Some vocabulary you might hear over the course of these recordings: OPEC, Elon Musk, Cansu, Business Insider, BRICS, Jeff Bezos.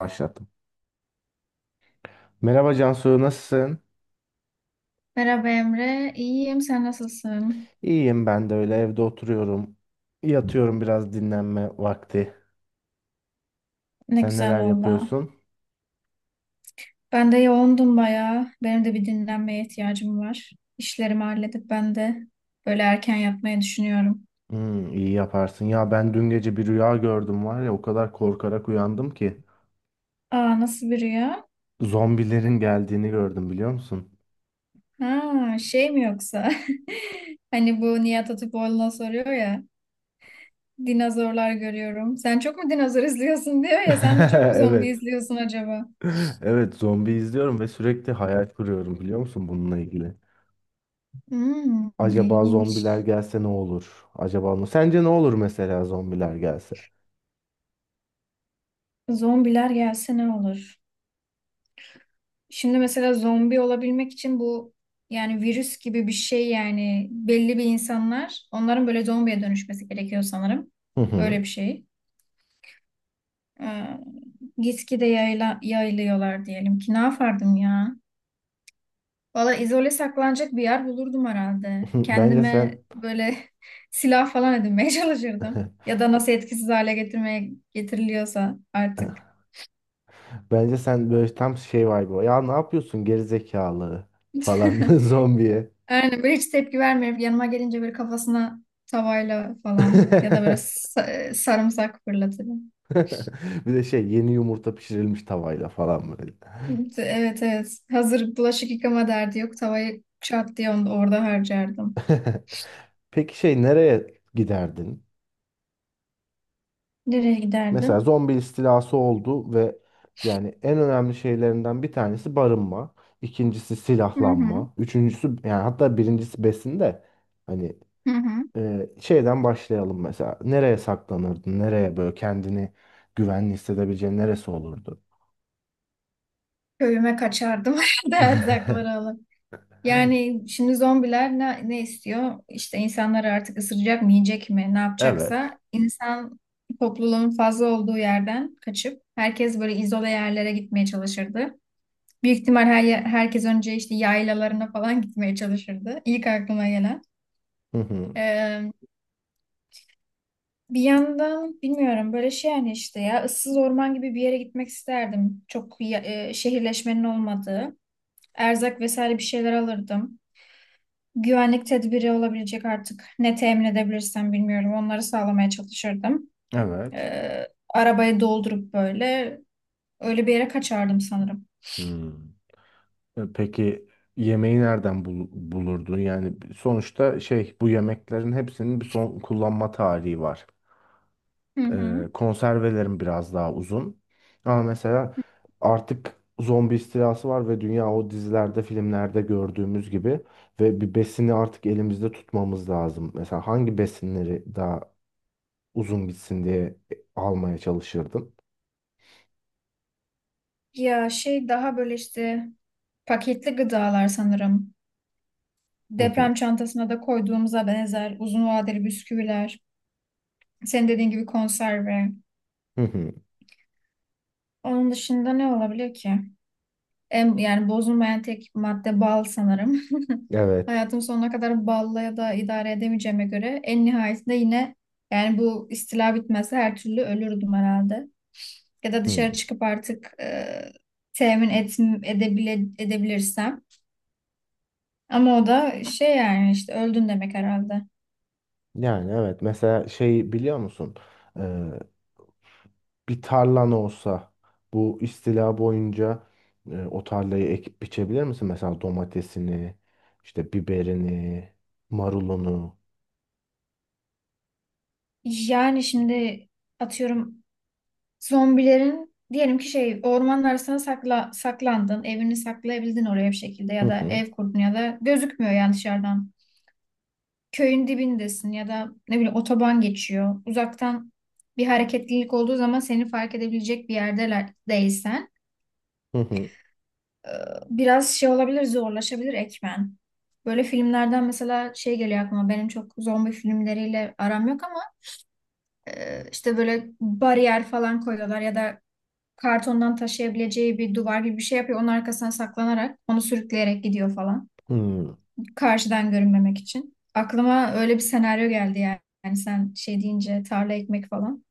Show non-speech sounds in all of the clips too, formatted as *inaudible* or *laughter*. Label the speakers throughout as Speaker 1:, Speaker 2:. Speaker 1: Başlattım. Merhaba Cansu, nasılsın?
Speaker 2: Merhaba Emre, iyiyim. Sen nasılsın?
Speaker 1: İyiyim, ben de öyle evde oturuyorum. Yatıyorum, biraz dinlenme vakti.
Speaker 2: Ne
Speaker 1: Sen
Speaker 2: güzel
Speaker 1: neler
Speaker 2: valla.
Speaker 1: yapıyorsun?
Speaker 2: Ben de yoğundum bayağı. Benim de bir dinlenmeye ihtiyacım var. İşlerimi halledip ben de böyle erken yatmayı düşünüyorum.
Speaker 1: İyi yaparsın. Ya ben dün gece bir rüya gördüm, var ya o kadar korkarak uyandım ki.
Speaker 2: Aa, nasıl bir rüya?
Speaker 1: Zombilerin geldiğini gördüm, biliyor musun?
Speaker 2: Ha şey mi yoksa? *laughs* Hani bu Nihat Hatipoğlu'na soruyor ya. Dinozorlar görüyorum. Sen çok mu dinozor izliyorsun diyor ya. Sen de çok mu zombi
Speaker 1: *laughs* Evet.
Speaker 2: izliyorsun acaba?
Speaker 1: Evet, zombi izliyorum ve sürekli hayal kuruyorum, biliyor musun bununla ilgili?
Speaker 2: Hmm,
Speaker 1: Acaba zombiler
Speaker 2: ilginç.
Speaker 1: gelse ne olur? Acaba ne? Sence ne olur mesela, zombiler gelse?
Speaker 2: Zombiler gelse ne olur? Şimdi mesela zombi olabilmek için bu, yani virüs gibi bir şey, yani belli bir insanlar onların böyle zombiye dönüşmesi gerekiyor sanırım.
Speaker 1: Hı
Speaker 2: Öyle
Speaker 1: hı.
Speaker 2: bir şey. Ee, gitgide yayılıyorlar diyelim ki, ne yapardım ya? Valla izole saklanacak bir yer bulurdum herhalde.
Speaker 1: *laughs* Bence
Speaker 2: Kendime
Speaker 1: sen
Speaker 2: böyle *laughs* silah falan edinmeye *laughs* çalışırdım. Ya da nasıl etkisiz hale getirmeye getiriliyorsa
Speaker 1: *laughs*
Speaker 2: artık.
Speaker 1: Bence sen böyle tam şey var bu. Ya ne yapıyorsun geri zekalı falan *laughs*
Speaker 2: *laughs*
Speaker 1: zombiye.
Speaker 2: Aynen böyle hiç tepki vermiyor. Yanıma gelince böyle kafasına tavayla falan ya da böyle
Speaker 1: *laughs*
Speaker 2: sarımsak fırlatırım.
Speaker 1: Bir de şey, yeni yumurta pişirilmiş tavayla falan böyle.
Speaker 2: Evet, evet. Hazır bulaşık yıkama derdi yok. Tavayı çat diye onu orada harcardım.
Speaker 1: *laughs* Peki şey, nereye giderdin?
Speaker 2: Nereye
Speaker 1: Mesela
Speaker 2: giderdim?
Speaker 1: zombi istilası oldu ve yani en önemli şeylerinden bir tanesi barınma, ikincisi
Speaker 2: Hı hı.
Speaker 1: silahlanma, üçüncüsü yani hatta birincisi besin de, hani.
Speaker 2: Hı hı.
Speaker 1: Şeyden başlayalım mesela. Nereye saklanırdın? Nereye böyle kendini güvenli hissedebileceğin neresi olurdu?
Speaker 2: Köyüme kaçardım *laughs* da erzakları
Speaker 1: *laughs*
Speaker 2: alıp. Yani şimdi zombiler ne istiyor? İşte insanlar artık ısıracak mı, yiyecek mi, ne
Speaker 1: Evet.
Speaker 2: yapacaksa, insan topluluğun fazla olduğu yerden kaçıp herkes böyle izole yerlere gitmeye çalışırdı. Büyük ihtimal herkes önce işte yaylalarına falan gitmeye çalışırdı. İlk aklıma gelen.
Speaker 1: Hı hı.
Speaker 2: Ee, Bir yandan bilmiyorum, böyle şey, yani işte ya ıssız orman gibi bir yere gitmek isterdim. Şehirleşmenin olmadığı. Erzak vesaire bir şeyler alırdım. Güvenlik tedbiri olabilecek artık ne temin edebilirsem bilmiyorum. Onları sağlamaya çalışırdım.
Speaker 1: Evet.
Speaker 2: Arabayı doldurup böyle öyle bir yere kaçardım sanırım.
Speaker 1: Hmm. Peki yemeği nereden bulurdun? Yani sonuçta şey, bu yemeklerin hepsinin bir son kullanma tarihi var.
Speaker 2: Hı hı.
Speaker 1: Konservelerim biraz daha uzun. Ama mesela artık zombi istilası var ve dünya o dizilerde, filmlerde gördüğümüz gibi ve bir besini artık elimizde tutmamız lazım. Mesela hangi besinleri daha uzun gitsin diye almaya çalışırdım.
Speaker 2: Ya şey, daha böyle işte paketli gıdalar sanırım.
Speaker 1: Hı hı,
Speaker 2: Deprem çantasına da koyduğumuza benzer uzun vadeli bisküviler, senin dediğin gibi konserve.
Speaker 1: hı hı.
Speaker 2: Onun dışında ne olabilir ki? En, yani bozulmayan tek madde bal sanırım. *laughs*
Speaker 1: Evet.
Speaker 2: Hayatım sonuna kadar balla ya da idare edemeyeceğime göre en nihayetinde yine, yani bu istila bitmezse her türlü ölürdüm herhalde. Ya da
Speaker 1: Hı.
Speaker 2: dışarı çıkıp artık temin et, edebile, edebilirsem. Ama o da şey, yani işte öldün demek herhalde.
Speaker 1: Yani evet, mesela şey, biliyor musun? Bir tarlan olsa bu istila boyunca o tarlayı ekip biçebilir misin? Mesela domatesini, işte biberini, marulunu.
Speaker 2: Yani şimdi atıyorum, zombilerin diyelim ki, şey, ormanın arasına saklandın. Evini saklayabildin oraya bir şekilde
Speaker 1: Hı
Speaker 2: ya da
Speaker 1: hı,
Speaker 2: ev kurdun ya da gözükmüyor yani dışarıdan. Köyün dibindesin ya da ne bileyim otoban geçiyor. Uzaktan bir hareketlilik olduğu zaman seni fark edebilecek bir yerdeler değilsen
Speaker 1: hı hı,
Speaker 2: biraz şey olabilir, zorlaşabilir ekmen. Böyle filmlerden mesela şey geliyor aklıma, benim çok zombi filmleriyle aram yok ama işte böyle bariyer falan koyuyorlar ya da kartondan taşıyabileceği bir duvar gibi bir şey yapıyor. Onun arkasına saklanarak onu sürükleyerek gidiyor falan.
Speaker 1: hı.
Speaker 2: Karşıdan görünmemek için. Aklıma öyle bir senaryo geldi yani. Yani sen şey deyince, tarla ekmek falan.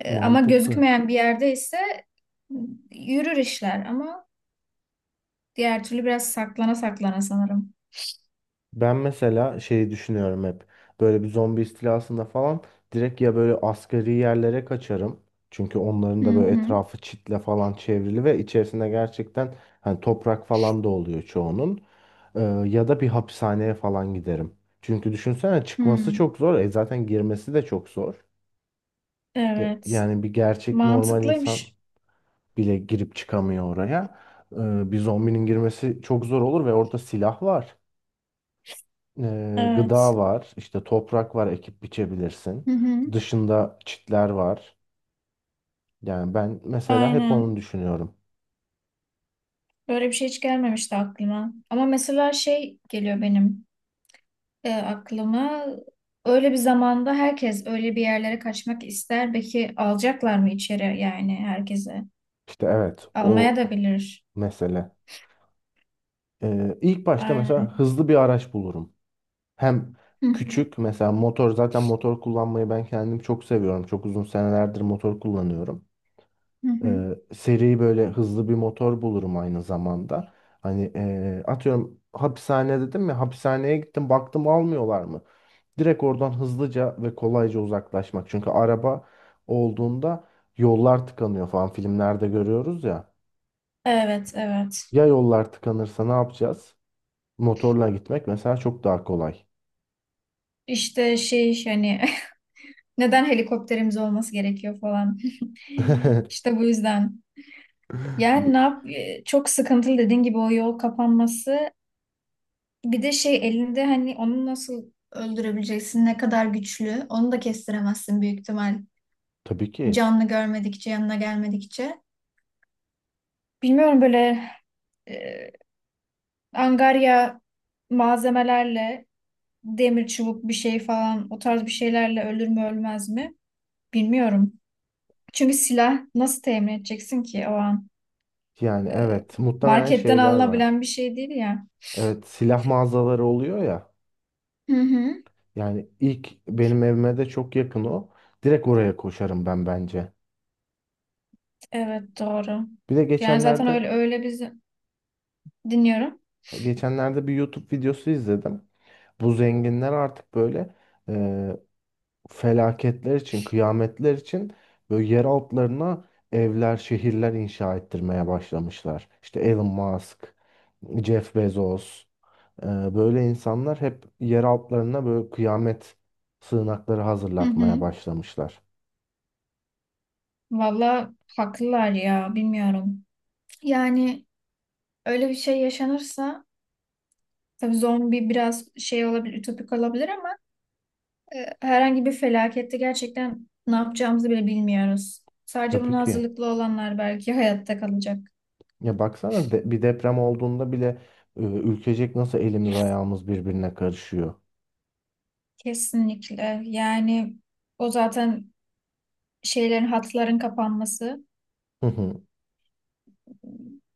Speaker 2: Ama
Speaker 1: Mantıklı.
Speaker 2: gözükmeyen bir yerde ise yürür işler, ama diğer türlü biraz saklana saklana sanırım.
Speaker 1: Ben mesela şeyi düşünüyorum hep. Böyle bir zombi istilasında falan direkt ya böyle asgari yerlere kaçarım. Çünkü onların
Speaker 2: Hı
Speaker 1: da böyle
Speaker 2: hı.
Speaker 1: etrafı çitle falan çevrili ve içerisinde gerçekten hani toprak falan da oluyor çoğunun. Ee, Ya da bir hapishaneye falan giderim. Çünkü düşünsene, çıkması
Speaker 2: Hı.
Speaker 1: çok zor. Zaten girmesi de çok zor.
Speaker 2: Evet.
Speaker 1: Yani bir gerçek normal insan
Speaker 2: Mantıklıymış.
Speaker 1: bile girip çıkamıyor oraya. Bir zombinin girmesi çok zor olur ve orada silah var,
Speaker 2: Evet.
Speaker 1: gıda var, işte toprak var, ekip biçebilirsin.
Speaker 2: Hı hı.
Speaker 1: Dışında çitler var. Yani ben mesela hep onu
Speaker 2: Aynen.
Speaker 1: düşünüyorum.
Speaker 2: Böyle bir şey hiç gelmemişti aklıma. Ama mesela şey geliyor benim aklıma. Öyle bir zamanda herkes öyle bir yerlere kaçmak ister. Belki alacaklar mı içeri, yani herkese?
Speaker 1: İşte evet, o
Speaker 2: Almaya da bilir.
Speaker 1: mesele. İlk başta
Speaker 2: Aynen.
Speaker 1: mesela hızlı bir araç bulurum. Hem
Speaker 2: Hı hı,
Speaker 1: küçük, mesela motor, zaten motor kullanmayı ben kendim çok seviyorum. Çok uzun senelerdir motor kullanıyorum.
Speaker 2: hı hı.
Speaker 1: Seri, böyle hızlı bir motor bulurum aynı zamanda. Hani atıyorum, hapishane dedim ya, hapishaneye gittim baktım almıyorlar mı? Direkt oradan hızlıca ve kolayca uzaklaşmak. Çünkü araba olduğunda yollar tıkanıyor falan, filmlerde görüyoruz ya.
Speaker 2: Evet, evet.
Speaker 1: Ya yollar tıkanırsa ne yapacağız? Motorla gitmek mesela çok daha kolay.
Speaker 2: İşte şey, hani *laughs* neden helikopterimiz olması gerekiyor falan. *laughs*
Speaker 1: *laughs*
Speaker 2: İşte bu yüzden. Yani
Speaker 1: Bu-
Speaker 2: çok sıkıntılı dediğin gibi o yol kapanması. Bir de şey elinde, hani onu nasıl öldürebileceksin? Ne kadar güçlü? Onu da kestiremezsin büyük ihtimal.
Speaker 1: Tabii ki.
Speaker 2: Canlı görmedikçe, yanına gelmedikçe. Bilmiyorum, böyle e, angarya malzemelerle, demir çubuk bir şey falan, o tarz bir şeylerle ölür mü ölmez mi bilmiyorum. Çünkü silah nasıl temin edeceksin ki o an?
Speaker 1: Yani evet, muhtemelen
Speaker 2: Marketten
Speaker 1: şeyler var.
Speaker 2: alınabilen bir şey değil ya.
Speaker 1: Evet, silah mağazaları oluyor ya.
Speaker 2: Hı hı.
Speaker 1: Yani ilk benim evime de çok yakın o. Direkt oraya koşarım ben, bence.
Speaker 2: Evet, doğru.
Speaker 1: Bir de
Speaker 2: Yani zaten
Speaker 1: geçenlerde
Speaker 2: öyle biz dinliyorum.
Speaker 1: geçenlerde bir YouTube videosu izledim. Bu zenginler artık böyle e, felaketler için, kıyametler için böyle yer altlarına evler, şehirler inşa ettirmeye başlamışlar. İşte Elon Musk, Jeff Bezos, e, böyle insanlar hep yer altlarına böyle kıyamet sığınakları
Speaker 2: Hı hı.
Speaker 1: hazırlatmaya başlamışlar.
Speaker 2: Valla haklılar ya, bilmiyorum. Yani öyle bir şey yaşanırsa, tabii zombi biraz şey olabilir, ütopik olabilir, ama herhangi bir felakette gerçekten ne yapacağımızı bile bilmiyoruz. Sadece
Speaker 1: Tabii
Speaker 2: buna
Speaker 1: ki.
Speaker 2: hazırlıklı olanlar belki *laughs* hayatta kalacak.
Speaker 1: Ya baksana, bir deprem olduğunda bile ülkecek nasıl elimiz ayağımız birbirine karışıyor.
Speaker 2: Kesinlikle. Yani o zaten şeylerin, hatların kapanması.
Speaker 1: Hı hı.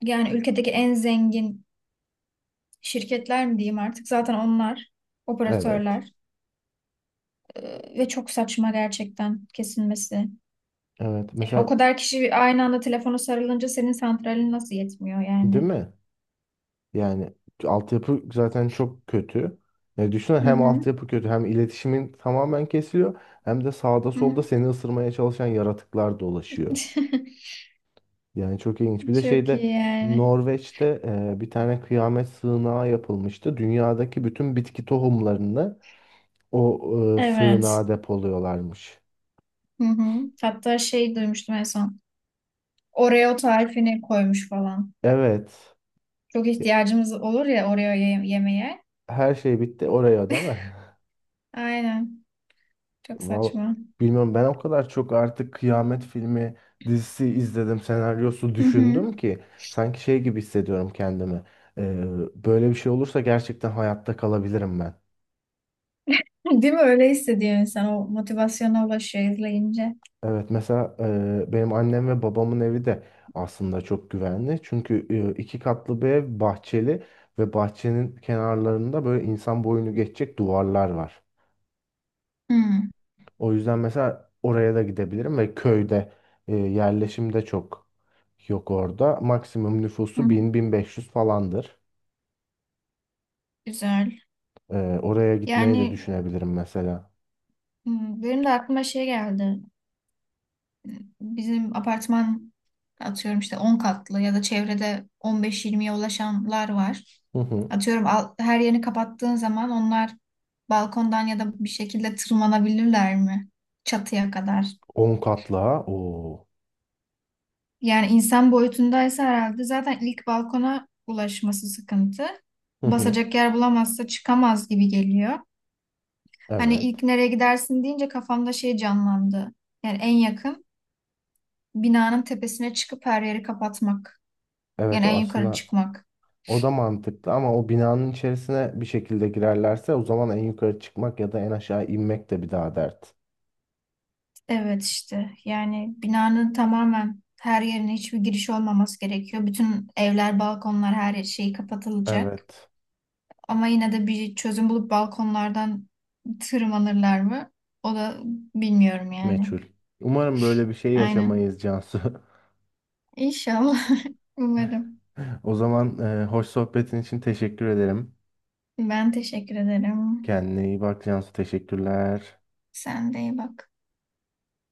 Speaker 2: Yani ülkedeki en zengin şirketler mi diyeyim artık? Zaten onlar
Speaker 1: Evet.
Speaker 2: operatörler. E, ve çok saçma gerçekten kesilmesi.
Speaker 1: Evet.
Speaker 2: Yani o
Speaker 1: Mesela,
Speaker 2: kadar kişi aynı anda telefona sarılınca senin santralin nasıl yetmiyor
Speaker 1: değil
Speaker 2: yani?
Speaker 1: mi? Yani altyapı zaten çok kötü. Ya düşünsene,
Speaker 2: Hı
Speaker 1: hem
Speaker 2: hı.
Speaker 1: altyapı kötü, hem iletişimin tamamen kesiliyor, hem de sağda
Speaker 2: Hı hı.
Speaker 1: solda seni ısırmaya çalışan yaratıklar dolaşıyor.
Speaker 2: *laughs*
Speaker 1: Yani çok ilginç. Bir de
Speaker 2: Çok iyi
Speaker 1: şeyde,
Speaker 2: yani.
Speaker 1: Norveç'te bir tane kıyamet sığınağı yapılmıştı. Dünyadaki bütün bitki tohumlarını o
Speaker 2: Evet.
Speaker 1: sığınağa depoluyorlarmış.
Speaker 2: Hı hı. Hatta şey duymuştum en son. Oreo tarifini koymuş falan.
Speaker 1: Evet.
Speaker 2: Çok ihtiyacımız olur ya Oreo yemeye.
Speaker 1: Her şey bitti oraya, değil mi? *laughs*
Speaker 2: Aynen. Çok
Speaker 1: Val
Speaker 2: saçma.
Speaker 1: Bilmiyorum, ben o kadar çok artık kıyamet filmi, dizisi izledim, senaryosu
Speaker 2: Hı hı.
Speaker 1: düşündüm ki sanki şey gibi hissediyorum kendimi. E, Böyle bir şey olursa gerçekten hayatta kalabilirim ben.
Speaker 2: Değil mi? Öyle hissediyor insan. O motivasyona ulaşıyor izleyince.
Speaker 1: Evet, mesela benim annem ve babamın evi de aslında çok güvenli. Çünkü 2 katlı bir ev, bahçeli ve bahçenin kenarlarında böyle insan boyunu geçecek duvarlar var.
Speaker 2: Hı.
Speaker 1: O yüzden mesela oraya da gidebilirim ve köyde yerleşim de çok yok orada. Maksimum
Speaker 2: Hı.
Speaker 1: nüfusu 1.000, 1.500 falandır.
Speaker 2: Güzel.
Speaker 1: Oraya gitmeyi de
Speaker 2: Yani,
Speaker 1: düşünebilirim mesela.
Speaker 2: hı, benim de aklıma şey geldi. Bizim apartman atıyorum işte 10 katlı, ya da çevrede 15 20'ye ulaşanlar var.
Speaker 1: Hı hı.
Speaker 2: Atıyorum, her yerini kapattığın zaman onlar balkondan ya da bir şekilde tırmanabilirler mi? Çatıya kadar.
Speaker 1: 10 katlı ha. Oo.
Speaker 2: Yani insan boyutundaysa herhalde zaten ilk balkona ulaşması sıkıntı.
Speaker 1: Hı hı.
Speaker 2: Basacak yer bulamazsa çıkamaz gibi geliyor. Hani
Speaker 1: Evet.
Speaker 2: ilk nereye gidersin deyince kafamda şey canlandı. Yani en yakın binanın tepesine çıkıp her yeri kapatmak.
Speaker 1: Evet,
Speaker 2: Yani en
Speaker 1: o
Speaker 2: yukarı
Speaker 1: aslında.
Speaker 2: çıkmak.
Speaker 1: O da mantıklı, ama o binanın içerisine bir şekilde girerlerse o zaman en yukarı çıkmak ya da en aşağı inmek de bir daha dert.
Speaker 2: Evet, işte yani binanın tamamen her yerine hiçbir giriş olmaması gerekiyor. Bütün evler, balkonlar, her şey kapatılacak.
Speaker 1: Evet.
Speaker 2: Ama yine de bir çözüm bulup balkonlardan tırmanırlar mı? O da, bilmiyorum yani.
Speaker 1: Meçhul. Umarım böyle bir şey
Speaker 2: Aynen.
Speaker 1: yaşamayız Cansu. *laughs*
Speaker 2: İnşallah. *laughs* Umarım.
Speaker 1: O zaman hoş sohbetin için teşekkür ederim.
Speaker 2: Ben teşekkür ederim.
Speaker 1: Kendine iyi bak Cansu. Teşekkürler.
Speaker 2: Sen de iyi bak.